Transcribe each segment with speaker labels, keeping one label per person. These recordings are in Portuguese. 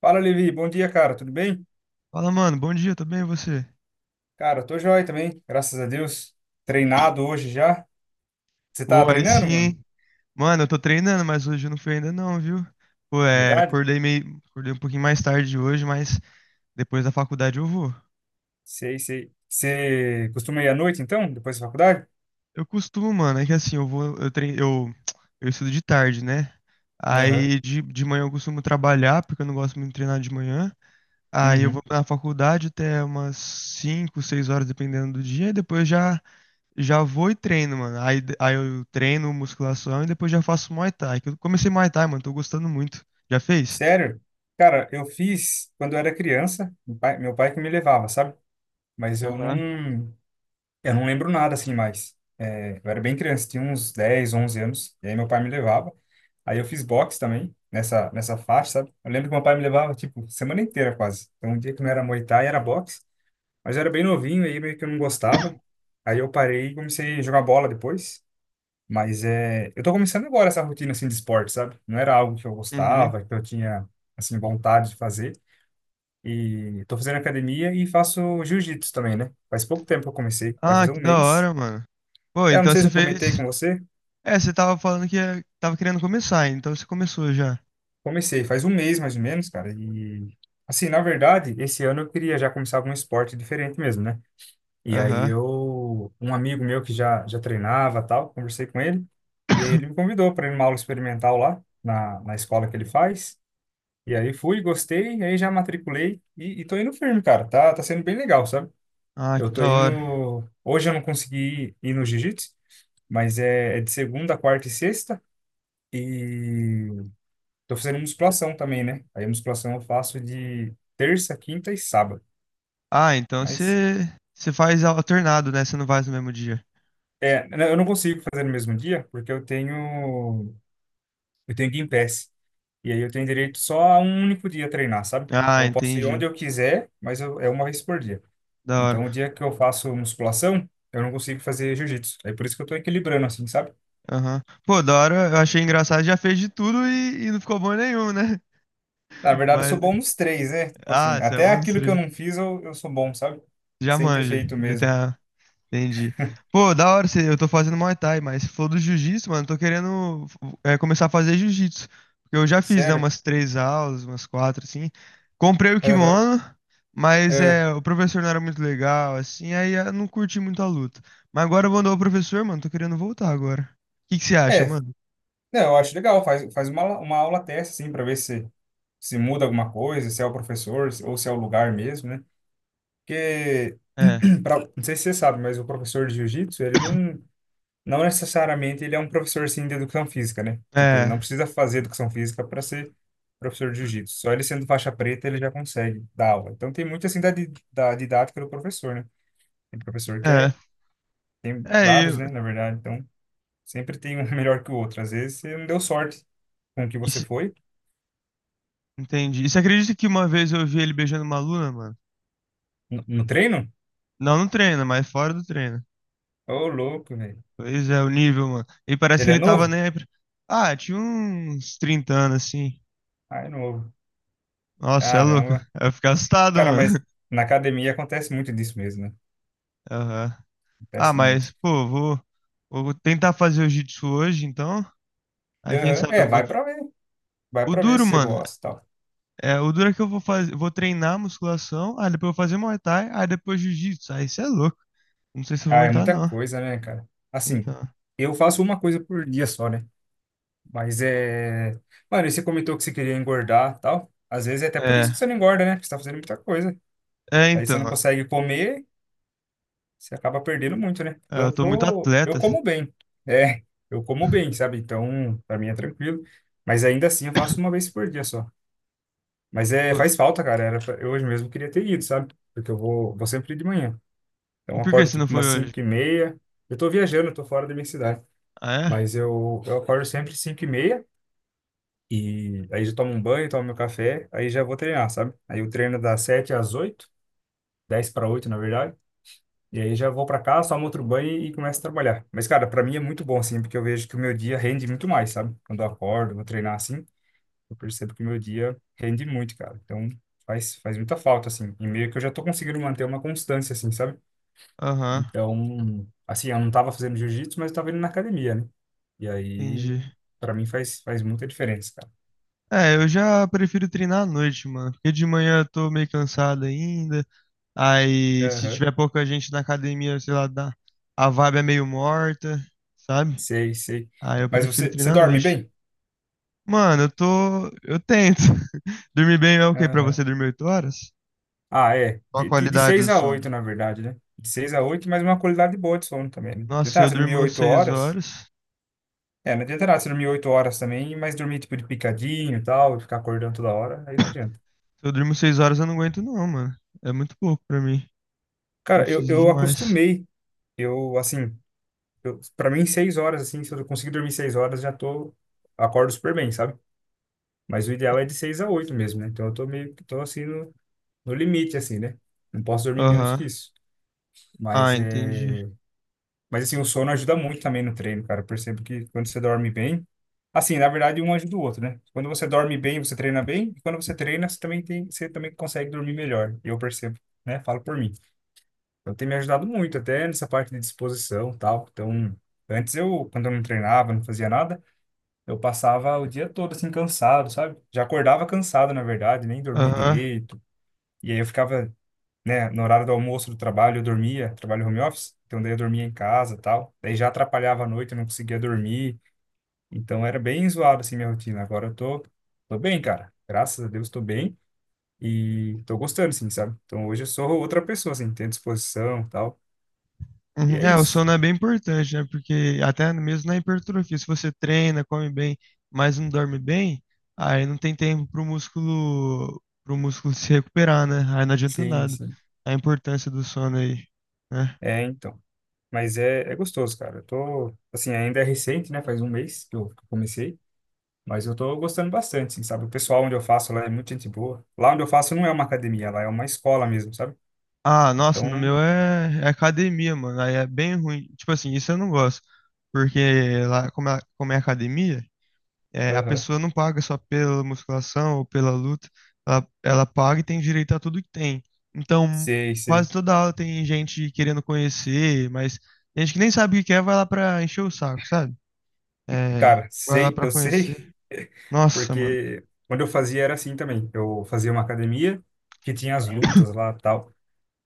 Speaker 1: Fala, Levi. Bom dia, cara. Tudo bem?
Speaker 2: Fala, mano, bom dia, tudo bem e você?
Speaker 1: Cara, eu tô joia também, graças a Deus. Treinado hoje já. Você tá
Speaker 2: Pô, aí sim,
Speaker 1: treinando, mano?
Speaker 2: hein? Mano, eu tô treinando, mas hoje eu não fui ainda não, viu? Pô, é,
Speaker 1: Verdade?
Speaker 2: acordei um pouquinho mais tarde hoje, mas depois da faculdade eu vou.
Speaker 1: Sei, sei. Você costuma ir à noite, então, depois da faculdade?
Speaker 2: Eu costumo, mano, é que assim, eu vou, eu treino, eu estudo de tarde, né?
Speaker 1: Aham.
Speaker 2: Aí de manhã eu costumo trabalhar, porque eu não gosto muito de treinar de manhã. Aí eu vou
Speaker 1: Uhum.
Speaker 2: na faculdade até umas 5, 6 horas, dependendo do dia, e depois já já vou e treino, mano. Aí eu treino musculação e depois já faço Muay Thai. Que eu comecei Muay Thai, mano. Tô gostando muito. Já fez?
Speaker 1: Sério? Cara, eu fiz quando eu era criança, meu pai que me levava, sabe? Mas eu
Speaker 2: Aham.
Speaker 1: não. Eu não lembro nada assim mais. É, eu era bem criança, tinha uns 10, 11 anos, e aí meu pai me levava. Aí eu fiz boxe também, nessa faixa, sabe? Eu lembro que meu pai me levava, tipo, semana inteira quase. Então, um dia que não era Muay Thai, era boxe. Mas eu era bem novinho, aí meio que eu não gostava. Aí eu parei e comecei a jogar bola depois. Mas é, eu tô começando agora essa rotina, assim, de esporte, sabe? Não era algo que eu
Speaker 2: Uhum.
Speaker 1: gostava, que eu tinha, assim, vontade de fazer. E tô fazendo academia e faço jiu-jitsu também, né? Faz pouco tempo que eu comecei, vai
Speaker 2: Ah,
Speaker 1: fazer
Speaker 2: que
Speaker 1: um
Speaker 2: da
Speaker 1: mês.
Speaker 2: hora, mano. Pô,
Speaker 1: É, eu não
Speaker 2: então
Speaker 1: sei
Speaker 2: você
Speaker 1: se eu comentei
Speaker 2: fez.
Speaker 1: com você.
Speaker 2: É, você tava falando que tava querendo começar, então você começou já.
Speaker 1: Comecei faz um mês mais ou menos, cara. E assim, na verdade, esse ano eu queria já começar algum esporte diferente mesmo, né? E aí
Speaker 2: Aham.
Speaker 1: eu, um amigo meu que já já treinava, tal, conversei com ele, e aí ele me convidou para ir numa aula experimental lá na escola que ele faz. E aí fui, gostei, e aí já matriculei e tô indo firme, cara. Tá sendo bem legal, sabe?
Speaker 2: Ah,
Speaker 1: Eu
Speaker 2: que
Speaker 1: tô
Speaker 2: da hora.
Speaker 1: indo, hoje eu não consegui ir, ir no jiu-jitsu, mas é de segunda, quarta e sexta. E tô fazendo musculação também, né? Aí a musculação eu faço de terça, quinta e sábado.
Speaker 2: Ah, então
Speaker 1: Mas
Speaker 2: você você faz alternado, né? Você não faz no mesmo dia.
Speaker 1: é, eu não consigo fazer no mesmo dia porque eu tenho Gympass. E aí eu tenho direito só a um único dia treinar, sabe?
Speaker 2: Ah,
Speaker 1: Então eu posso ir onde
Speaker 2: entendi.
Speaker 1: eu quiser, mas eu, é uma vez por dia.
Speaker 2: Da
Speaker 1: Então o
Speaker 2: hora.
Speaker 1: dia que eu faço musculação, eu não consigo fazer jiu-jitsu. É por isso que eu tô equilibrando assim, sabe?
Speaker 2: Aham. Pô, da hora, eu achei engraçado, já fez de tudo e não ficou bom nenhum, né?
Speaker 1: Na verdade eu sou
Speaker 2: Mas.
Speaker 1: bom nos três, né? Tipo assim,
Speaker 2: Ah, você é
Speaker 1: até aquilo
Speaker 2: monstro.
Speaker 1: que eu não fiz eu sou bom, sabe?
Speaker 2: Já
Speaker 1: Sem ter
Speaker 2: manja,
Speaker 1: feito
Speaker 2: já tem
Speaker 1: mesmo.
Speaker 2: a... Entendi. Pô, da hora, você- eu tô fazendo Muay Thai, mas se for do Jiu-Jitsu, mano, eu tô querendo começar a fazer Jiu-Jitsu. Porque eu já fiz, né,
Speaker 1: Sério?
Speaker 2: umas três aulas, umas quatro, assim. Comprei o
Speaker 1: Aham.
Speaker 2: kimono, mas
Speaker 1: É.
Speaker 2: é, o professor não era muito legal, assim, aí eu não curti muito a luta. Mas agora eu vou andar o professor, mano, tô querendo voltar agora. O que que você acha,
Speaker 1: É,
Speaker 2: mano?
Speaker 1: não, eu acho legal, faz, faz uma aula teste, assim, para ver se muda alguma coisa, se é o professor ou se é o lugar mesmo, né? Porque,
Speaker 2: É,
Speaker 1: pra, não sei se você sabe, mas o professor de jiu-jitsu, ele não, não necessariamente ele é um professor, assim, de educação física, né? Tipo, ele não
Speaker 2: é,
Speaker 1: precisa fazer educação física para ser professor de jiu-jitsu. Só ele sendo faixa preta, ele já consegue dar aula. Então, tem muito, assim, da didática do professor, né? Tem professor que
Speaker 2: é.
Speaker 1: é, tem
Speaker 2: É,
Speaker 1: vários, né,
Speaker 2: eu...
Speaker 1: na verdade. Então, sempre tem um melhor que o outro. Às vezes, você não deu sorte com o que você
Speaker 2: isso-
Speaker 1: foi.
Speaker 2: Entendi. E você acredita que uma vez eu vi ele beijando uma aluna, mano?
Speaker 1: No treino?
Speaker 2: Não no treino, mas fora do treino.
Speaker 1: Ô, louco, velho.
Speaker 2: Pois é, o nível, mano. E parece que
Speaker 1: Ele é
Speaker 2: ele tava
Speaker 1: novo?
Speaker 2: nem aí pra... Ah, tinha uns 30 anos, assim.
Speaker 1: Ah, é novo.
Speaker 2: Nossa, é louco.
Speaker 1: Caramba.
Speaker 2: Eu fico assustado,
Speaker 1: Cara, mas
Speaker 2: mano.
Speaker 1: na academia acontece muito disso mesmo, né?
Speaker 2: Aham. Ah,
Speaker 1: Acontece muito.
Speaker 2: mas, pô, vou tentar fazer o jiu-jitsu hoje, então. Aí, quem
Speaker 1: Aham.
Speaker 2: sabe
Speaker 1: É,
Speaker 2: eu
Speaker 1: vai
Speaker 2: gosto.
Speaker 1: pra ver. Vai
Speaker 2: O
Speaker 1: pra ver
Speaker 2: duro,
Speaker 1: se você
Speaker 2: mano,
Speaker 1: gosta e tal.
Speaker 2: o duro é que eu vou fazer, vou treinar musculação, aí depois eu vou fazer Muay Thai, aí depois jiu-jitsu. Aí, isso é louco. Não sei se eu vou
Speaker 1: Ah, é
Speaker 2: aguentar,
Speaker 1: muita
Speaker 2: não.
Speaker 1: coisa, né, cara? Assim,
Speaker 2: Então,
Speaker 1: eu faço uma coisa por dia só, né? Mas é. Mano, e você comentou que você queria engordar e tal. Às vezes é até por isso que
Speaker 2: é.
Speaker 1: você não engorda, né? Porque você tá fazendo muita coisa.
Speaker 2: É,
Speaker 1: Aí você não
Speaker 2: então.
Speaker 1: consegue comer, você acaba perdendo muito, né?
Speaker 2: É,
Speaker 1: Então,
Speaker 2: eu
Speaker 1: eu
Speaker 2: tô muito
Speaker 1: tô,
Speaker 2: atleta,
Speaker 1: eu
Speaker 2: assim.
Speaker 1: como bem. É, eu como bem, sabe? Então, pra mim é tranquilo. Mas ainda assim, eu faço uma vez por dia só. Mas é,
Speaker 2: Pô,
Speaker 1: faz falta, cara. Eu hoje mesmo queria ter ido, sabe? Porque eu vou, vou sempre de manhã. Então,
Speaker 2: e
Speaker 1: eu
Speaker 2: por que
Speaker 1: acordo
Speaker 2: você não
Speaker 1: tipo
Speaker 2: foi
Speaker 1: umas
Speaker 2: hoje?
Speaker 1: 5h30. Eu tô viajando, eu tô fora da minha cidade.
Speaker 2: Ah, é?
Speaker 1: Mas eu acordo sempre 5h30. E aí já tomo um banho, tomo meu café. Aí já vou treinar, sabe? Aí eu treino das 7 às 8, 10 para 8, na verdade. E aí já vou pra cá, só outro banho e começo a trabalhar. Mas, cara, pra mim é muito bom, assim, porque eu vejo que o meu dia rende muito mais, sabe? Quando eu acordo, vou treinar assim, eu percebo que o meu dia rende muito, cara. Então, faz, faz muita falta, assim. E meio que eu já tô conseguindo manter uma constância, assim, sabe?
Speaker 2: Aham,
Speaker 1: Então, assim, eu não tava fazendo jiu-jitsu, mas eu tava indo na academia, né? E aí,
Speaker 2: entendi.
Speaker 1: pra mim faz, faz muita diferença, cara.
Speaker 2: É, eu já prefiro treinar à noite, mano, porque de manhã eu tô meio cansado ainda. Aí, se
Speaker 1: Aham.
Speaker 2: tiver pouca gente na academia, sei lá, dá, a vibe é meio morta, sabe?
Speaker 1: Sei, sei.
Speaker 2: Aí eu
Speaker 1: Mas
Speaker 2: prefiro
Speaker 1: você
Speaker 2: treinar à
Speaker 1: dorme
Speaker 2: noite.
Speaker 1: bem?
Speaker 2: Mano, eu tento. Dormir bem é o quê pra você
Speaker 1: Aham.
Speaker 2: dormir 8 horas?
Speaker 1: Ah, é.
Speaker 2: Qual a
Speaker 1: De
Speaker 2: qualidade
Speaker 1: 6
Speaker 2: do
Speaker 1: a
Speaker 2: sono?
Speaker 1: 8, na verdade, né? De 6 a 8, mas uma qualidade boa de sono também, né?
Speaker 2: Nossa, se
Speaker 1: Tentar
Speaker 2: eu
Speaker 1: se dormir
Speaker 2: durmo
Speaker 1: 8
Speaker 2: 6
Speaker 1: horas.
Speaker 2: horas. Se
Speaker 1: É, não adianta nada se dormir 8 horas também, mas dormir tipo de picadinho e tal, e ficar acordando toda hora, aí não adianta.
Speaker 2: eu durmo 6 horas, eu não aguento não, mano. É muito pouco pra mim. Eu
Speaker 1: Cara, eu,
Speaker 2: preciso de
Speaker 1: eu
Speaker 2: mais.
Speaker 1: acostumei. Eu, assim, eu, pra mim, 6 horas, assim, se eu conseguir dormir 6 horas, já tô. Acordo super bem, sabe? Mas o ideal é de 6 a 8 mesmo, né? Então eu tô meio que tô assim no limite, assim, né? Não posso dormir menos
Speaker 2: Aham.
Speaker 1: que isso.
Speaker 2: Ah,
Speaker 1: Mas
Speaker 2: entendi.
Speaker 1: é. Mas assim, o sono ajuda muito também no treino, cara. Eu percebo que quando você dorme bem, assim, na verdade, um ajuda o outro, né? Quando você dorme bem, você treina bem, e quando você treina, você também tem, você também consegue dormir melhor. Eu percebo, né? Falo por mim. Então tem me ajudado muito até nessa parte de disposição, e tal. Então, antes eu, quando eu não treinava, não fazia nada, eu passava o dia todo assim cansado, sabe? Já acordava cansado, na verdade, nem dormia
Speaker 2: Aham.
Speaker 1: direito. E aí eu ficava, né, no horário do almoço do trabalho eu dormia, trabalho home office, então daí eu dormia em casa, e tal. Daí já atrapalhava a noite, eu não conseguia dormir. Então era bem zoado assim minha rotina. Agora eu tô bem, cara. Graças a Deus tô bem e tô gostando assim, sabe? Então hoje eu sou outra pessoa assim, tenho disposição, e tal.
Speaker 2: Uhum.
Speaker 1: E é
Speaker 2: É, o
Speaker 1: isso.
Speaker 2: sono é bem importante, né? Porque até mesmo na hipertrofia, se você treina, come bem, mas não dorme bem, aí não tem tempo pro músculo se recuperar, né? Aí não adianta
Speaker 1: Sim,
Speaker 2: nada.
Speaker 1: sim.
Speaker 2: A importância do sono aí, né?
Speaker 1: É, então. Mas é gostoso, cara. Eu tô, assim, ainda é recente, né? Faz um mês que eu comecei. Mas eu tô gostando bastante, assim, sabe? O pessoal onde eu faço lá é muito gente boa. Lá onde eu faço não é uma academia, lá é uma escola mesmo, sabe?
Speaker 2: Ah, nossa, no meu
Speaker 1: Então,
Speaker 2: é, é academia, mano. Aí é bem ruim. Tipo assim, isso eu não gosto. Porque lá, como é academia, é, a
Speaker 1: aham,
Speaker 2: pessoa não paga só pela musculação ou pela luta, ela paga e tem direito a tudo que tem. Então,
Speaker 1: sei,
Speaker 2: quase
Speaker 1: sei.
Speaker 2: toda aula tem gente querendo conhecer, mas gente que nem sabe o que quer vai lá pra encher o saco, sabe? É,
Speaker 1: Cara,
Speaker 2: vai lá
Speaker 1: sei,
Speaker 2: pra
Speaker 1: eu sei,
Speaker 2: conhecer. Nossa, mano.
Speaker 1: porque quando eu fazia era assim também. Eu fazia uma academia que tinha as lutas lá tal.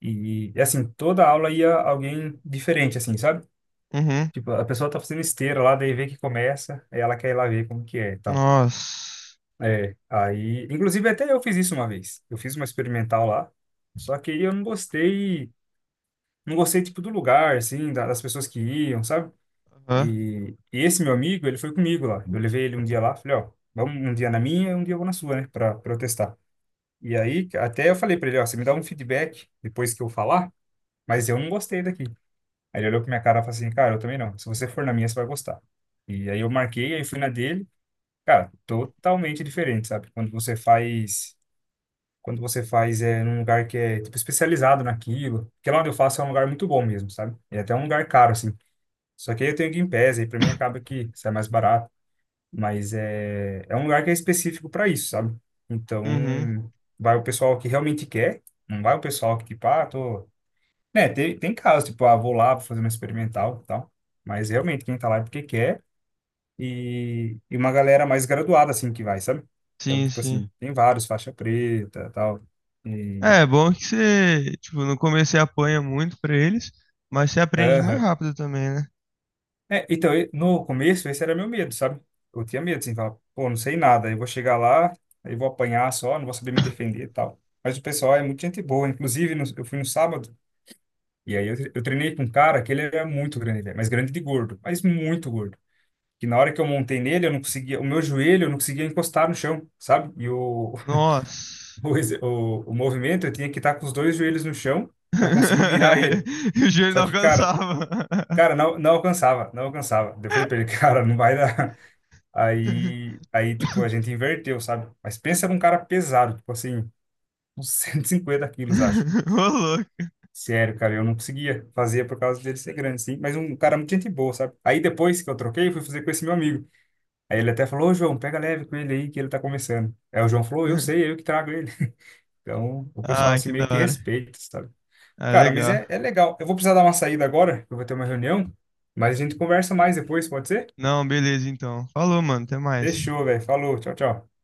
Speaker 1: E assim, toda aula ia alguém diferente, assim, sabe?
Speaker 2: Uhum.
Speaker 1: Tipo, a pessoa tá fazendo esteira lá, daí vê que começa, aí ela quer ir lá ver como que é e tal.
Speaker 2: Nossa.
Speaker 1: É, aí, inclusive até eu fiz isso uma vez. Eu fiz uma experimental lá, só que aí eu não gostei, não gostei tipo do lugar, assim, das pessoas que iam, sabe?
Speaker 2: Aham.
Speaker 1: E esse meu amigo, ele foi comigo lá. Eu levei ele um dia lá, falei, ó, vamos um dia na minha, um dia eu vou na sua, né, para protestar. E aí até eu falei para ele, ó, você me dá um feedback depois que eu falar, mas eu não gostei daqui. Aí ele olhou pra minha cara e falou assim, cara, eu também não. Se você for na minha, você vai gostar. E aí eu marquei, aí fui na dele. Cara, totalmente diferente, sabe? Quando você faz é num lugar que é tipo especializado naquilo, porque lá onde eu faço é um lugar muito bom mesmo, sabe? E é até um lugar caro assim. Só que aí eu tenho Game Pass, aí para mim acaba que sai mais barato, mas é um lugar que é específico para isso, sabe?
Speaker 2: Uhum.
Speaker 1: Então, vai o pessoal que realmente quer, não vai o pessoal que tipo, ah, tô, né, tem casos tipo, ah, vou lá, vou fazer uma experimental, e tal. Mas realmente quem tá lá é porque quer e uma galera mais graduada assim que vai, sabe? Então,
Speaker 2: Sim,
Speaker 1: tipo
Speaker 2: sim.
Speaker 1: assim, tem vários faixa preta, tal. E
Speaker 2: É, é bom que você, tipo, no começo você apanha muito pra eles, mas você aprende mais
Speaker 1: aham.
Speaker 2: rápido também, né?
Speaker 1: É, então, no começo, esse era meu medo, sabe? Eu tinha medo, assim, falar, pô, não sei nada, eu vou chegar lá, aí vou apanhar só, não vou saber me defender e tal. Mas o pessoal é muito gente boa, inclusive eu fui no sábado, e aí eu treinei com um cara que ele era muito grande, velho, mas grande de gordo, mas muito gordo. Que na hora que eu montei nele, eu não conseguia, o meu joelho, eu não conseguia encostar no chão, sabe? E
Speaker 2: Nossa.
Speaker 1: o movimento, eu tinha que estar com os dois joelhos no chão para conseguir virar ele.
Speaker 2: e o joelho
Speaker 1: Só
Speaker 2: não
Speaker 1: que, cara.
Speaker 2: alcançava.
Speaker 1: Cara, não, não alcançava, não alcançava. Daí eu falei pra ele, cara, não vai dar. Aí, tipo, a gente inverteu, sabe? Mas pensa num cara pesado, tipo assim, uns 150 quilos, acho.
Speaker 2: Ô, louco.
Speaker 1: Sério, cara, eu não conseguia fazer por causa dele ser grande, sim. Mas um cara muito gente boa, sabe? Aí depois que eu troquei, eu fui fazer com esse meu amigo. Aí ele até falou, ô João, pega leve com ele aí, que ele tá começando. Aí o João falou, eu sei, é eu que trago ele. Então, o pessoal
Speaker 2: Ah,
Speaker 1: assim
Speaker 2: que da
Speaker 1: meio que
Speaker 2: hora.
Speaker 1: respeita, sabe?
Speaker 2: Ah,
Speaker 1: Cara, mas
Speaker 2: legal.
Speaker 1: é legal. Eu vou precisar dar uma saída agora, eu vou ter uma reunião, mas a gente conversa mais depois, pode ser?
Speaker 2: Não, beleza então. Falou, mano. Até mais.
Speaker 1: Fechou, velho. Falou. Tchau, tchau.